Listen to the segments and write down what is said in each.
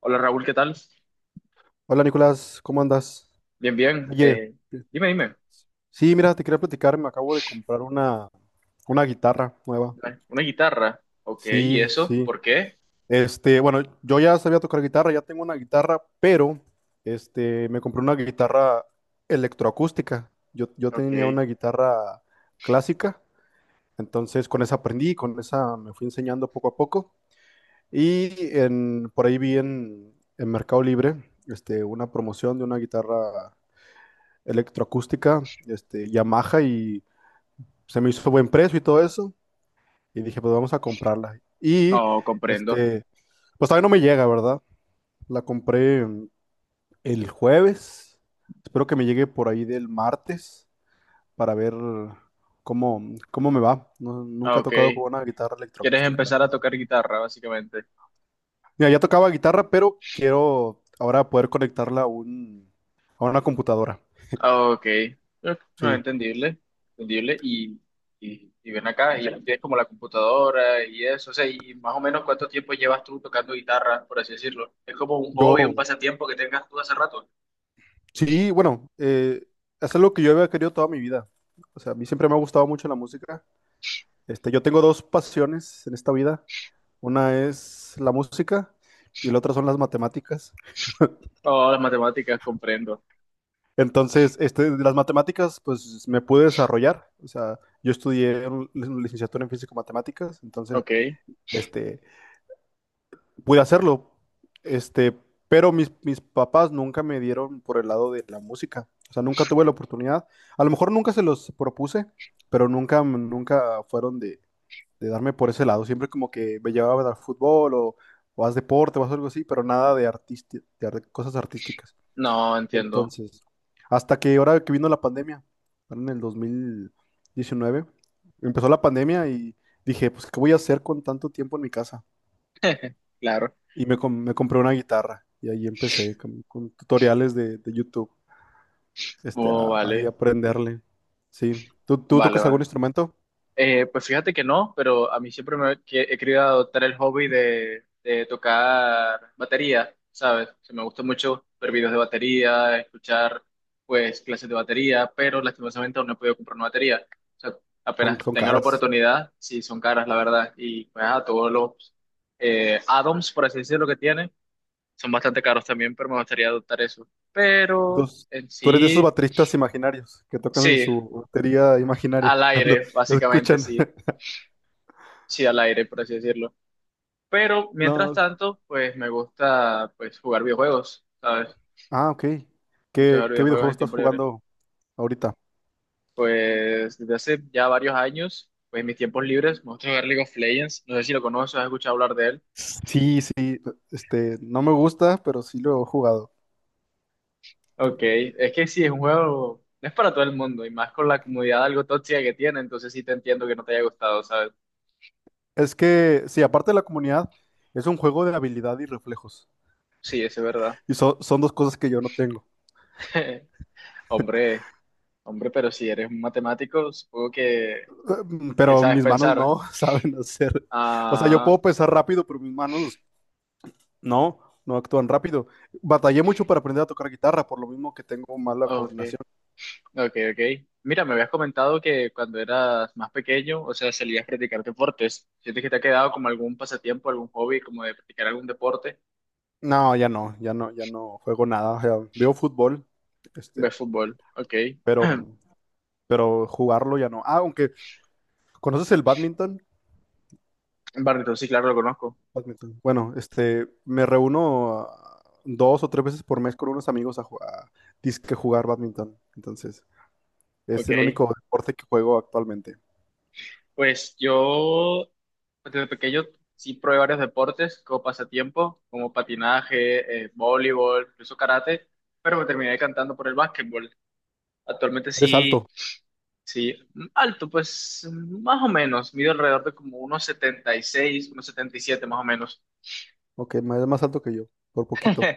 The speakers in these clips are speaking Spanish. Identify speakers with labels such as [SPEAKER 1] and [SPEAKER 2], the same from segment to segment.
[SPEAKER 1] Hola Raúl, ¿qué tal?
[SPEAKER 2] Hola Nicolás, ¿cómo andas?
[SPEAKER 1] Bien, bien.
[SPEAKER 2] Oye,
[SPEAKER 1] Dime, dime.
[SPEAKER 2] sí, mira, te quería platicar, me acabo de comprar una guitarra nueva.
[SPEAKER 1] Una guitarra. Ok, ¿y
[SPEAKER 2] Sí,
[SPEAKER 1] eso?
[SPEAKER 2] sí.
[SPEAKER 1] ¿Por qué?
[SPEAKER 2] Bueno, yo ya sabía tocar guitarra, ya tengo una guitarra, pero me compré una guitarra electroacústica. Yo
[SPEAKER 1] Ok,
[SPEAKER 2] tenía una guitarra clásica, entonces con esa aprendí, con esa me fui enseñando poco a poco. Y por ahí vi en Mercado Libre una promoción de una guitarra electroacústica Yamaha, y se me hizo buen precio y todo eso. Y dije, pues vamos a comprarla. Y
[SPEAKER 1] no comprendo.
[SPEAKER 2] este, pues todavía no me llega, ¿verdad? La compré el jueves. Espero que me llegue por ahí del martes para ver cómo, cómo me va.
[SPEAKER 1] Ah,
[SPEAKER 2] Nunca he
[SPEAKER 1] ok.
[SPEAKER 2] tocado con una guitarra
[SPEAKER 1] ¿Quieres
[SPEAKER 2] electroacústica, la
[SPEAKER 1] empezar a
[SPEAKER 2] verdad.
[SPEAKER 1] tocar guitarra, básicamente?
[SPEAKER 2] Mira, ya tocaba guitarra, pero quiero ahora poder conectarla a a una computadora.
[SPEAKER 1] Ah, ok. No,
[SPEAKER 2] Sí.
[SPEAKER 1] entendible. Entendible. Y ven acá, y tienes como la computadora y eso. O sea, y más o menos cuánto tiempo llevas tú tocando guitarra, por así decirlo. Es como un hobby, un
[SPEAKER 2] Yo,
[SPEAKER 1] pasatiempo que tengas tú hace rato.
[SPEAKER 2] Sí, bueno, es algo que yo había querido toda mi vida. O sea, a mí siempre me ha gustado mucho la música. Yo tengo dos pasiones en esta vida. Una es la música y la otra son las matemáticas.
[SPEAKER 1] Oh, las matemáticas, comprendo.
[SPEAKER 2] Entonces, de las matemáticas, pues me pude desarrollar. O sea, yo estudié una licenciatura en físico-matemáticas. Entonces,
[SPEAKER 1] Ok.
[SPEAKER 2] este, pude hacerlo, este, pero mis papás nunca me dieron por el lado de la música, o sea, nunca tuve la oportunidad, a lo mejor nunca se los propuse, pero nunca, nunca fueron de darme por ese lado, siempre como que me llevaban al fútbol o haz deporte o haz algo así, pero nada de, cosas artísticas.
[SPEAKER 1] No, entiendo.
[SPEAKER 2] Entonces, hasta que ahora que vino la pandemia, en el 2019, empezó la pandemia y dije, pues, ¿qué voy a hacer con tanto tiempo en mi casa?
[SPEAKER 1] Claro.
[SPEAKER 2] Y me compré una guitarra y ahí empecé con tutoriales de YouTube,
[SPEAKER 1] Oh,
[SPEAKER 2] ahí
[SPEAKER 1] vale.
[SPEAKER 2] aprenderle. Sí. ¿Tú
[SPEAKER 1] Vale,
[SPEAKER 2] tocas algún
[SPEAKER 1] vale.
[SPEAKER 2] instrumento?
[SPEAKER 1] Pues fíjate que no, pero a mí siempre he querido adoptar el hobby de tocar batería, ¿sabes? O sea, me gusta mucho ver videos de batería, escuchar pues clases de batería, pero lastimosamente aún no he podido comprar una batería. O sea, apenas
[SPEAKER 2] Son, son
[SPEAKER 1] tenga la
[SPEAKER 2] caras.
[SPEAKER 1] oportunidad, sí son caras, la verdad, y pues todos los add-ons, por así decirlo, que tiene, son bastante caros también, pero me gustaría adoptar eso. Pero
[SPEAKER 2] Entonces,
[SPEAKER 1] en
[SPEAKER 2] tú eres de esos
[SPEAKER 1] sí,
[SPEAKER 2] bateristas imaginarios que tocan en
[SPEAKER 1] sí,
[SPEAKER 2] su batería imaginaria
[SPEAKER 1] al
[SPEAKER 2] cuando
[SPEAKER 1] aire,
[SPEAKER 2] lo
[SPEAKER 1] básicamente,
[SPEAKER 2] escuchan.
[SPEAKER 1] sí. Sí, al aire, por así decirlo. Pero mientras
[SPEAKER 2] No.
[SPEAKER 1] tanto, pues me gusta pues jugar videojuegos, ¿sabes? Me
[SPEAKER 2] Ah, ok.
[SPEAKER 1] gusta
[SPEAKER 2] ¿Qué,
[SPEAKER 1] jugar
[SPEAKER 2] qué
[SPEAKER 1] videojuegos
[SPEAKER 2] videojuego
[SPEAKER 1] en
[SPEAKER 2] estás
[SPEAKER 1] tiempo libre.
[SPEAKER 2] jugando ahorita?
[SPEAKER 1] Pues desde hace ya varios años, pues en mis tiempos libres, me gusta jugar League of Legends. No sé si lo conoces, has escuchado hablar de él.
[SPEAKER 2] Sí, sí. No me gusta, pero sí lo he jugado.
[SPEAKER 1] Ok, es que sí, es un juego, no es para todo el mundo, y más con la comunidad algo tóxica que tiene, entonces sí te entiendo que no te haya gustado, ¿sabes?
[SPEAKER 2] Es que, sí, aparte de la comunidad, es un juego de habilidad y reflejos.
[SPEAKER 1] Sí, eso es verdad.
[SPEAKER 2] Y son dos cosas que yo no tengo.
[SPEAKER 1] Hombre, hombre, pero si eres un matemático, supongo que
[SPEAKER 2] Pero
[SPEAKER 1] sabes
[SPEAKER 2] mis manos
[SPEAKER 1] pensar.
[SPEAKER 2] no saben hacer. O sea, yo
[SPEAKER 1] Ah,
[SPEAKER 2] puedo pensar rápido, pero mis manos no, no actúan rápido. Batallé mucho para aprender a tocar guitarra, por lo mismo que tengo mala
[SPEAKER 1] ok.
[SPEAKER 2] coordinación.
[SPEAKER 1] Ok, ok. Mira, me habías comentado que cuando eras más pequeño, o sea, salías a practicar deportes. ¿Sientes que te ha quedado como algún pasatiempo, algún hobby, como de practicar algún deporte?
[SPEAKER 2] No, ya no, ya no, ya no juego nada. O sea, veo fútbol, este,
[SPEAKER 1] ¿Ves fútbol? Ok.
[SPEAKER 2] pero, pero jugarlo ya no. Ah, aunque, ¿conoces el badminton?
[SPEAKER 1] Barrio, sí, claro, lo conozco.
[SPEAKER 2] Badminton. Bueno, me reúno dos o tres veces por mes con unos amigos a jugar, a disque jugar badminton. Entonces, es el
[SPEAKER 1] Ok.
[SPEAKER 2] único deporte que juego actualmente.
[SPEAKER 1] Pues yo, desde pequeño, sí probé varios deportes como pasatiempo, como patinaje, voleibol, incluso karate, pero me terminé decantando por el básquetbol. Actualmente
[SPEAKER 2] Eres
[SPEAKER 1] sí.
[SPEAKER 2] alto.
[SPEAKER 1] Sí, alto, pues más o menos, mido alrededor de como unos 76, unos 77 más o menos,
[SPEAKER 2] Ok, es más alto que yo, por poquito.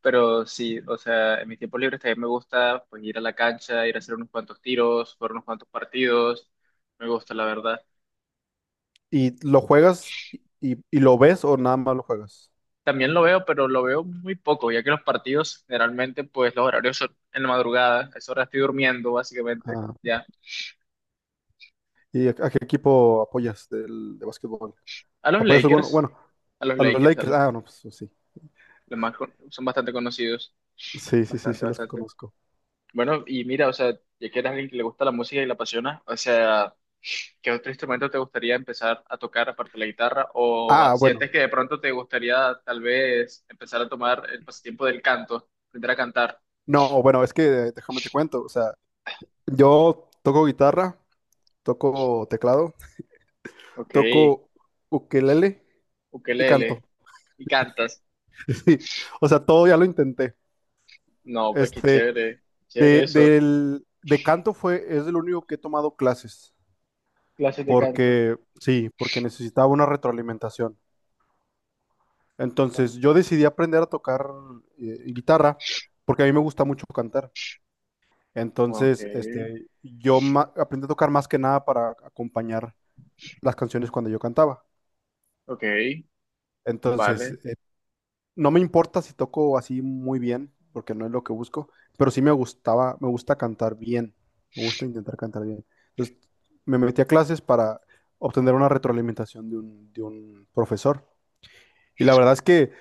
[SPEAKER 1] pero sí, o sea, en mi tiempo libre también me gusta pues ir a la cancha, ir a hacer unos cuantos tiros, jugar unos cuantos partidos, me gusta la verdad.
[SPEAKER 2] ¿Y lo juegas y lo ves o nada más lo juegas?
[SPEAKER 1] También lo veo, pero lo veo muy poco, ya que los partidos generalmente pues los horarios son en la madrugada, a esa hora estoy durmiendo básicamente,
[SPEAKER 2] Ah,
[SPEAKER 1] ya.
[SPEAKER 2] ¿y a qué equipo apoyas del, de básquetbol?
[SPEAKER 1] A los
[SPEAKER 2] ¿Apoyas alguno?
[SPEAKER 1] Lakers,
[SPEAKER 2] Bueno,
[SPEAKER 1] a los
[SPEAKER 2] a los
[SPEAKER 1] Lakers, a
[SPEAKER 2] Lakers. Ah, no, pues pues sí.
[SPEAKER 1] los más, son bastante conocidos,
[SPEAKER 2] Sí, sí, sí,
[SPEAKER 1] bastante,
[SPEAKER 2] sí, los
[SPEAKER 1] bastante.
[SPEAKER 2] conozco.
[SPEAKER 1] Bueno, y mira, o sea, ya que eres alguien que le gusta la música y la apasiona, o sea, ¿qué otro instrumento te gustaría empezar a tocar aparte de la guitarra? ¿O
[SPEAKER 2] Ah, bueno.
[SPEAKER 1] sientes que de pronto te gustaría tal vez empezar a tomar el pasatiempo del canto, aprender a cantar?
[SPEAKER 2] No, bueno, es que déjame te cuento. O sea, yo toco guitarra, toco teclado,
[SPEAKER 1] Ok,
[SPEAKER 2] toco ukelele y canto.
[SPEAKER 1] ukelele, ¿y cantas?
[SPEAKER 2] Sí. O sea, todo ya lo intenté.
[SPEAKER 1] No, pues qué
[SPEAKER 2] Este,
[SPEAKER 1] chévere, chévere eso,
[SPEAKER 2] de canto fue, es el único que he tomado clases.
[SPEAKER 1] clases de canto.
[SPEAKER 2] Porque sí, porque necesitaba una retroalimentación.
[SPEAKER 1] ¿No?
[SPEAKER 2] Entonces yo decidí aprender a tocar guitarra porque a mí me gusta mucho cantar.
[SPEAKER 1] Ok,
[SPEAKER 2] Entonces, aprendí a tocar más que nada para acompañar las canciones cuando yo cantaba.
[SPEAKER 1] ok,
[SPEAKER 2] Entonces,
[SPEAKER 1] vale,
[SPEAKER 2] no me importa si toco así muy bien, porque no es lo que busco, pero sí me gustaba, me gusta cantar bien, me gusta intentar cantar bien. Entonces, me metí a clases para obtener una retroalimentación de de un profesor. Y la verdad es que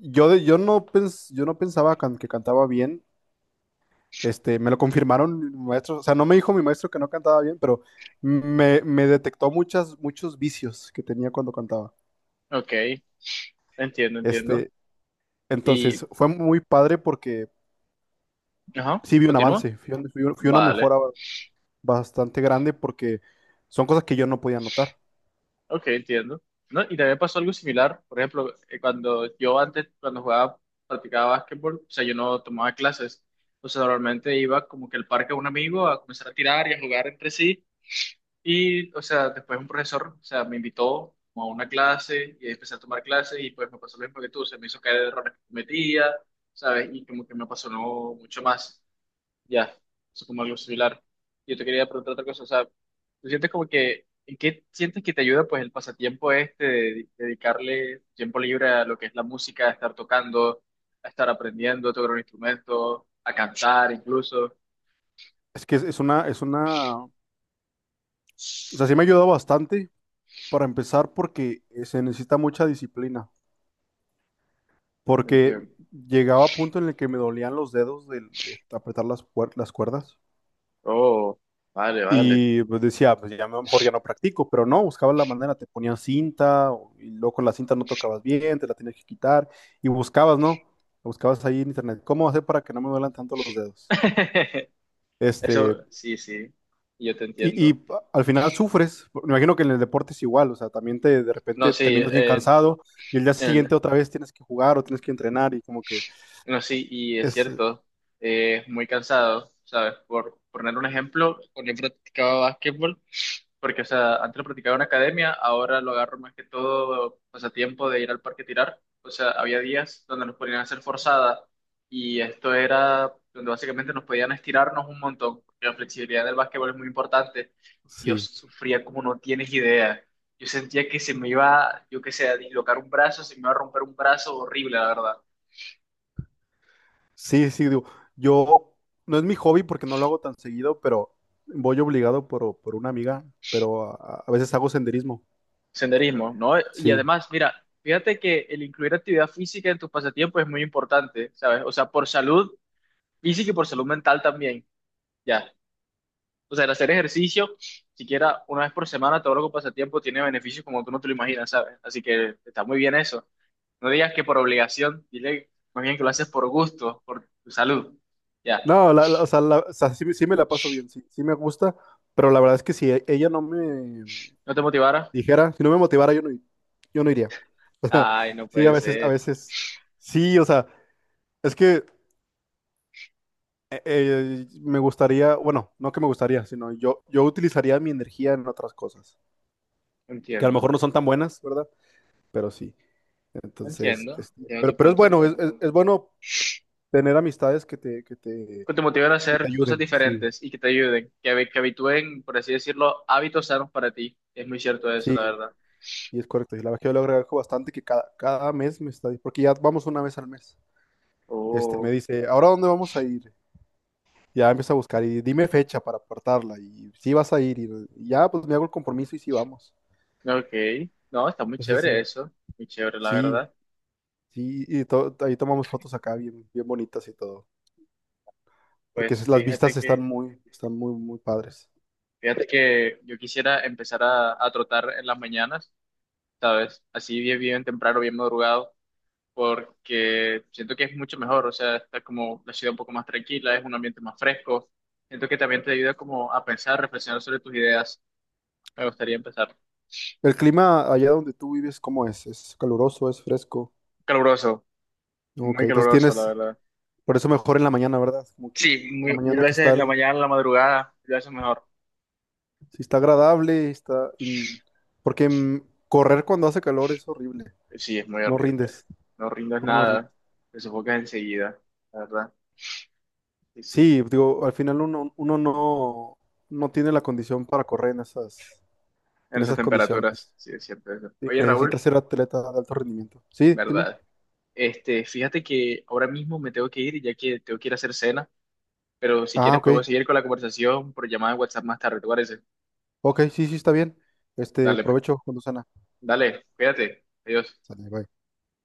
[SPEAKER 2] Yo no pensaba que cantaba bien. Me lo confirmaron mi maestro. O sea, no me dijo mi maestro que no cantaba bien, pero me detectó muchos vicios que tenía cuando cantaba.
[SPEAKER 1] ok, entiendo, entiendo.
[SPEAKER 2] Este, entonces,
[SPEAKER 1] Y,
[SPEAKER 2] fue muy padre porque
[SPEAKER 1] ajá,
[SPEAKER 2] sí vi un
[SPEAKER 1] continúa,
[SPEAKER 2] avance, fui una
[SPEAKER 1] vale.
[SPEAKER 2] mejora bastante grande porque son cosas que yo no podía notar.
[SPEAKER 1] Ok, entiendo. No, y también pasó algo similar. Por ejemplo, cuando yo antes, cuando jugaba, practicaba básquetbol, o sea, yo no tomaba clases. O sea, normalmente iba como que al parque a un amigo a comenzar a tirar y a jugar entre sí. Y, o sea, después un profesor, o sea, me invitó como a una clase y empecé a tomar clases y pues me pasó lo mismo que tú. Se me hizo caer errores que cometía, ¿sabes? Y como que me apasionó mucho más. Ya, es como algo similar. Yo te quería preguntar otra cosa, o sea, ¿tú sientes como que, en qué sientes que te ayuda pues el pasatiempo este de dedicarle tiempo libre a lo que es la música, a estar tocando, a estar aprendiendo a tocar un instrumento, a cantar incluso?
[SPEAKER 2] Es que es una, o sea, sí me ayudó bastante para empezar porque se necesita mucha disciplina. Porque
[SPEAKER 1] Entiendo.
[SPEAKER 2] llegaba a punto en el que me dolían los dedos de apretar las cuerdas
[SPEAKER 1] Oh, vale, vale.
[SPEAKER 2] y pues decía, pues ya mejor ya no practico, pero no, buscaba la manera, te ponían cinta y luego con la cinta no tocabas bien, te la tenías que quitar y buscabas, ¿no? Buscabas ahí en internet, ¿cómo hacer para que no me duelan tanto los dedos? Este,
[SPEAKER 1] Eso, sí, sí, yo te entiendo.
[SPEAKER 2] y al final sufres, me imagino que en el deporte es igual, o sea, también te de
[SPEAKER 1] No,
[SPEAKER 2] repente
[SPEAKER 1] sí,
[SPEAKER 2] terminas bien cansado y el día siguiente
[SPEAKER 1] el-
[SPEAKER 2] otra vez tienes que jugar o tienes que entrenar y como que
[SPEAKER 1] no, sí, y es
[SPEAKER 2] es,
[SPEAKER 1] cierto, es muy cansado, ¿sabes? Por poner un ejemplo, cuando he practicado básquetbol, porque, o sea, antes lo practicaba en academia, ahora lo agarro más que todo pasatiempo de ir al parque a tirar. O sea, había días donde nos ponían a hacer forzada y esto era donde básicamente nos podían estirarnos un montón, porque la flexibilidad del básquetbol es muy importante. Yo
[SPEAKER 2] sí.
[SPEAKER 1] sufría como no tienes idea. Yo sentía que se me iba, yo qué sé, a dislocar un brazo, se me iba a romper un brazo horrible, la verdad.
[SPEAKER 2] Sí, sí, digo, yo no es mi hobby porque no lo hago tan seguido, pero voy obligado por una amiga, pero a veces hago senderismo.
[SPEAKER 1] Senderismo, ¿no? Y
[SPEAKER 2] Sí.
[SPEAKER 1] además, mira, fíjate que el incluir actividad física en tus pasatiempos es muy importante, ¿sabes? O sea, por salud física. Y sí que por salud mental también, ya. O sea, el hacer ejercicio, siquiera una vez por semana, todo lo que pasa tiempo tiene beneficios como tú no te lo imaginas, ¿sabes? Así que está muy bien eso. No digas que por obligación, dile más bien que lo haces por gusto, por tu salud. Ya.
[SPEAKER 2] No, o sea, o sea, sí me la paso bien, sí, sí me gusta, pero la verdad es que si ella no me
[SPEAKER 1] ¿No te motivara?
[SPEAKER 2] dijera, si no me motivara, yo no, yo no iría. O sea,
[SPEAKER 1] Ay, no
[SPEAKER 2] sí,
[SPEAKER 1] puede
[SPEAKER 2] a
[SPEAKER 1] ser.
[SPEAKER 2] veces, sí, o sea, es que me gustaría, bueno, no que me gustaría, sino yo utilizaría mi energía en otras cosas,
[SPEAKER 1] No
[SPEAKER 2] que a lo
[SPEAKER 1] entiendo,
[SPEAKER 2] mejor no son tan buenas, ¿verdad? Pero sí.
[SPEAKER 1] no
[SPEAKER 2] Entonces,
[SPEAKER 1] entiendo, entiendo tu
[SPEAKER 2] pero es
[SPEAKER 1] punto.
[SPEAKER 2] bueno, es bueno tener amistades que te,
[SPEAKER 1] Que te motivara a
[SPEAKER 2] que te
[SPEAKER 1] hacer cosas
[SPEAKER 2] ayuden, sí,
[SPEAKER 1] diferentes y que te ayuden, que habitúen, por así decirlo, hábitos sanos para ti. Es muy cierto eso, la
[SPEAKER 2] sí,
[SPEAKER 1] verdad.
[SPEAKER 2] y es correcto. Y la verdad que yo le agradezco bastante que cada mes me está, porque ya vamos una vez al mes, me
[SPEAKER 1] Oh.
[SPEAKER 2] dice, ¿ahora dónde vamos a ir? Ya empieza a buscar y dime fecha para apartarla y si vas a ir y ya pues me hago el compromiso y sí vamos.
[SPEAKER 1] Ok, no, está muy
[SPEAKER 2] Entonces
[SPEAKER 1] chévere
[SPEAKER 2] sí,
[SPEAKER 1] eso, muy chévere la
[SPEAKER 2] sí,
[SPEAKER 1] verdad.
[SPEAKER 2] sí, y ahí tomamos fotos acá bien, bien bonitas y todo, porque
[SPEAKER 1] Pues
[SPEAKER 2] las vistas
[SPEAKER 1] fíjate que, sí,
[SPEAKER 2] están muy, muy padres.
[SPEAKER 1] fíjate que yo quisiera empezar a trotar en las mañanas, ¿sabes? Así bien, bien temprano, bien madrugado, porque siento que es mucho mejor, o sea, está como la ciudad un poco más tranquila, es un ambiente más fresco. Siento que también te ayuda como a pensar, reflexionar sobre tus ideas. Me gustaría empezar.
[SPEAKER 2] El clima allá donde tú vives, ¿cómo es? ¿Es caluroso? ¿Es fresco?
[SPEAKER 1] Caluroso,
[SPEAKER 2] No, ok,
[SPEAKER 1] muy
[SPEAKER 2] entonces
[SPEAKER 1] caluroso, la
[SPEAKER 2] tienes,
[SPEAKER 1] verdad.
[SPEAKER 2] por eso mejor en la mañana, ¿verdad? Como que en
[SPEAKER 1] Sí,
[SPEAKER 2] la
[SPEAKER 1] mil
[SPEAKER 2] mañana que
[SPEAKER 1] veces
[SPEAKER 2] está,
[SPEAKER 1] en la mañana, en la madrugada, mil veces mejor.
[SPEAKER 2] si está agradable, está, porque correr cuando hace calor es horrible,
[SPEAKER 1] Sí, es muy
[SPEAKER 2] no
[SPEAKER 1] horrible.
[SPEAKER 2] rindes,
[SPEAKER 1] No rindes
[SPEAKER 2] no, no rindes.
[SPEAKER 1] nada, te sofocas enseguida, la verdad. Sí, sí.
[SPEAKER 2] Sí, digo, al final uno, uno no, no tiene la condición para correr
[SPEAKER 1] En
[SPEAKER 2] en
[SPEAKER 1] esas
[SPEAKER 2] esas condiciones.
[SPEAKER 1] temperaturas, sí, es cierto eso.
[SPEAKER 2] Sí,
[SPEAKER 1] Oye,
[SPEAKER 2] necesita
[SPEAKER 1] Raúl,
[SPEAKER 2] ser atleta de alto rendimiento. Sí, dime.
[SPEAKER 1] verdad. Este, fíjate que ahora mismo me tengo que ir, ya que tengo que ir a hacer cena, pero si
[SPEAKER 2] Ah,
[SPEAKER 1] quieres
[SPEAKER 2] ok,
[SPEAKER 1] podemos seguir con la conversación por llamada de WhatsApp más tarde, ¿te parece?
[SPEAKER 2] ok, sí, sí, está bien.
[SPEAKER 1] Dale,
[SPEAKER 2] Provecho cuando sana.
[SPEAKER 1] dale, cuídate. Adiós.
[SPEAKER 2] Sale, bye.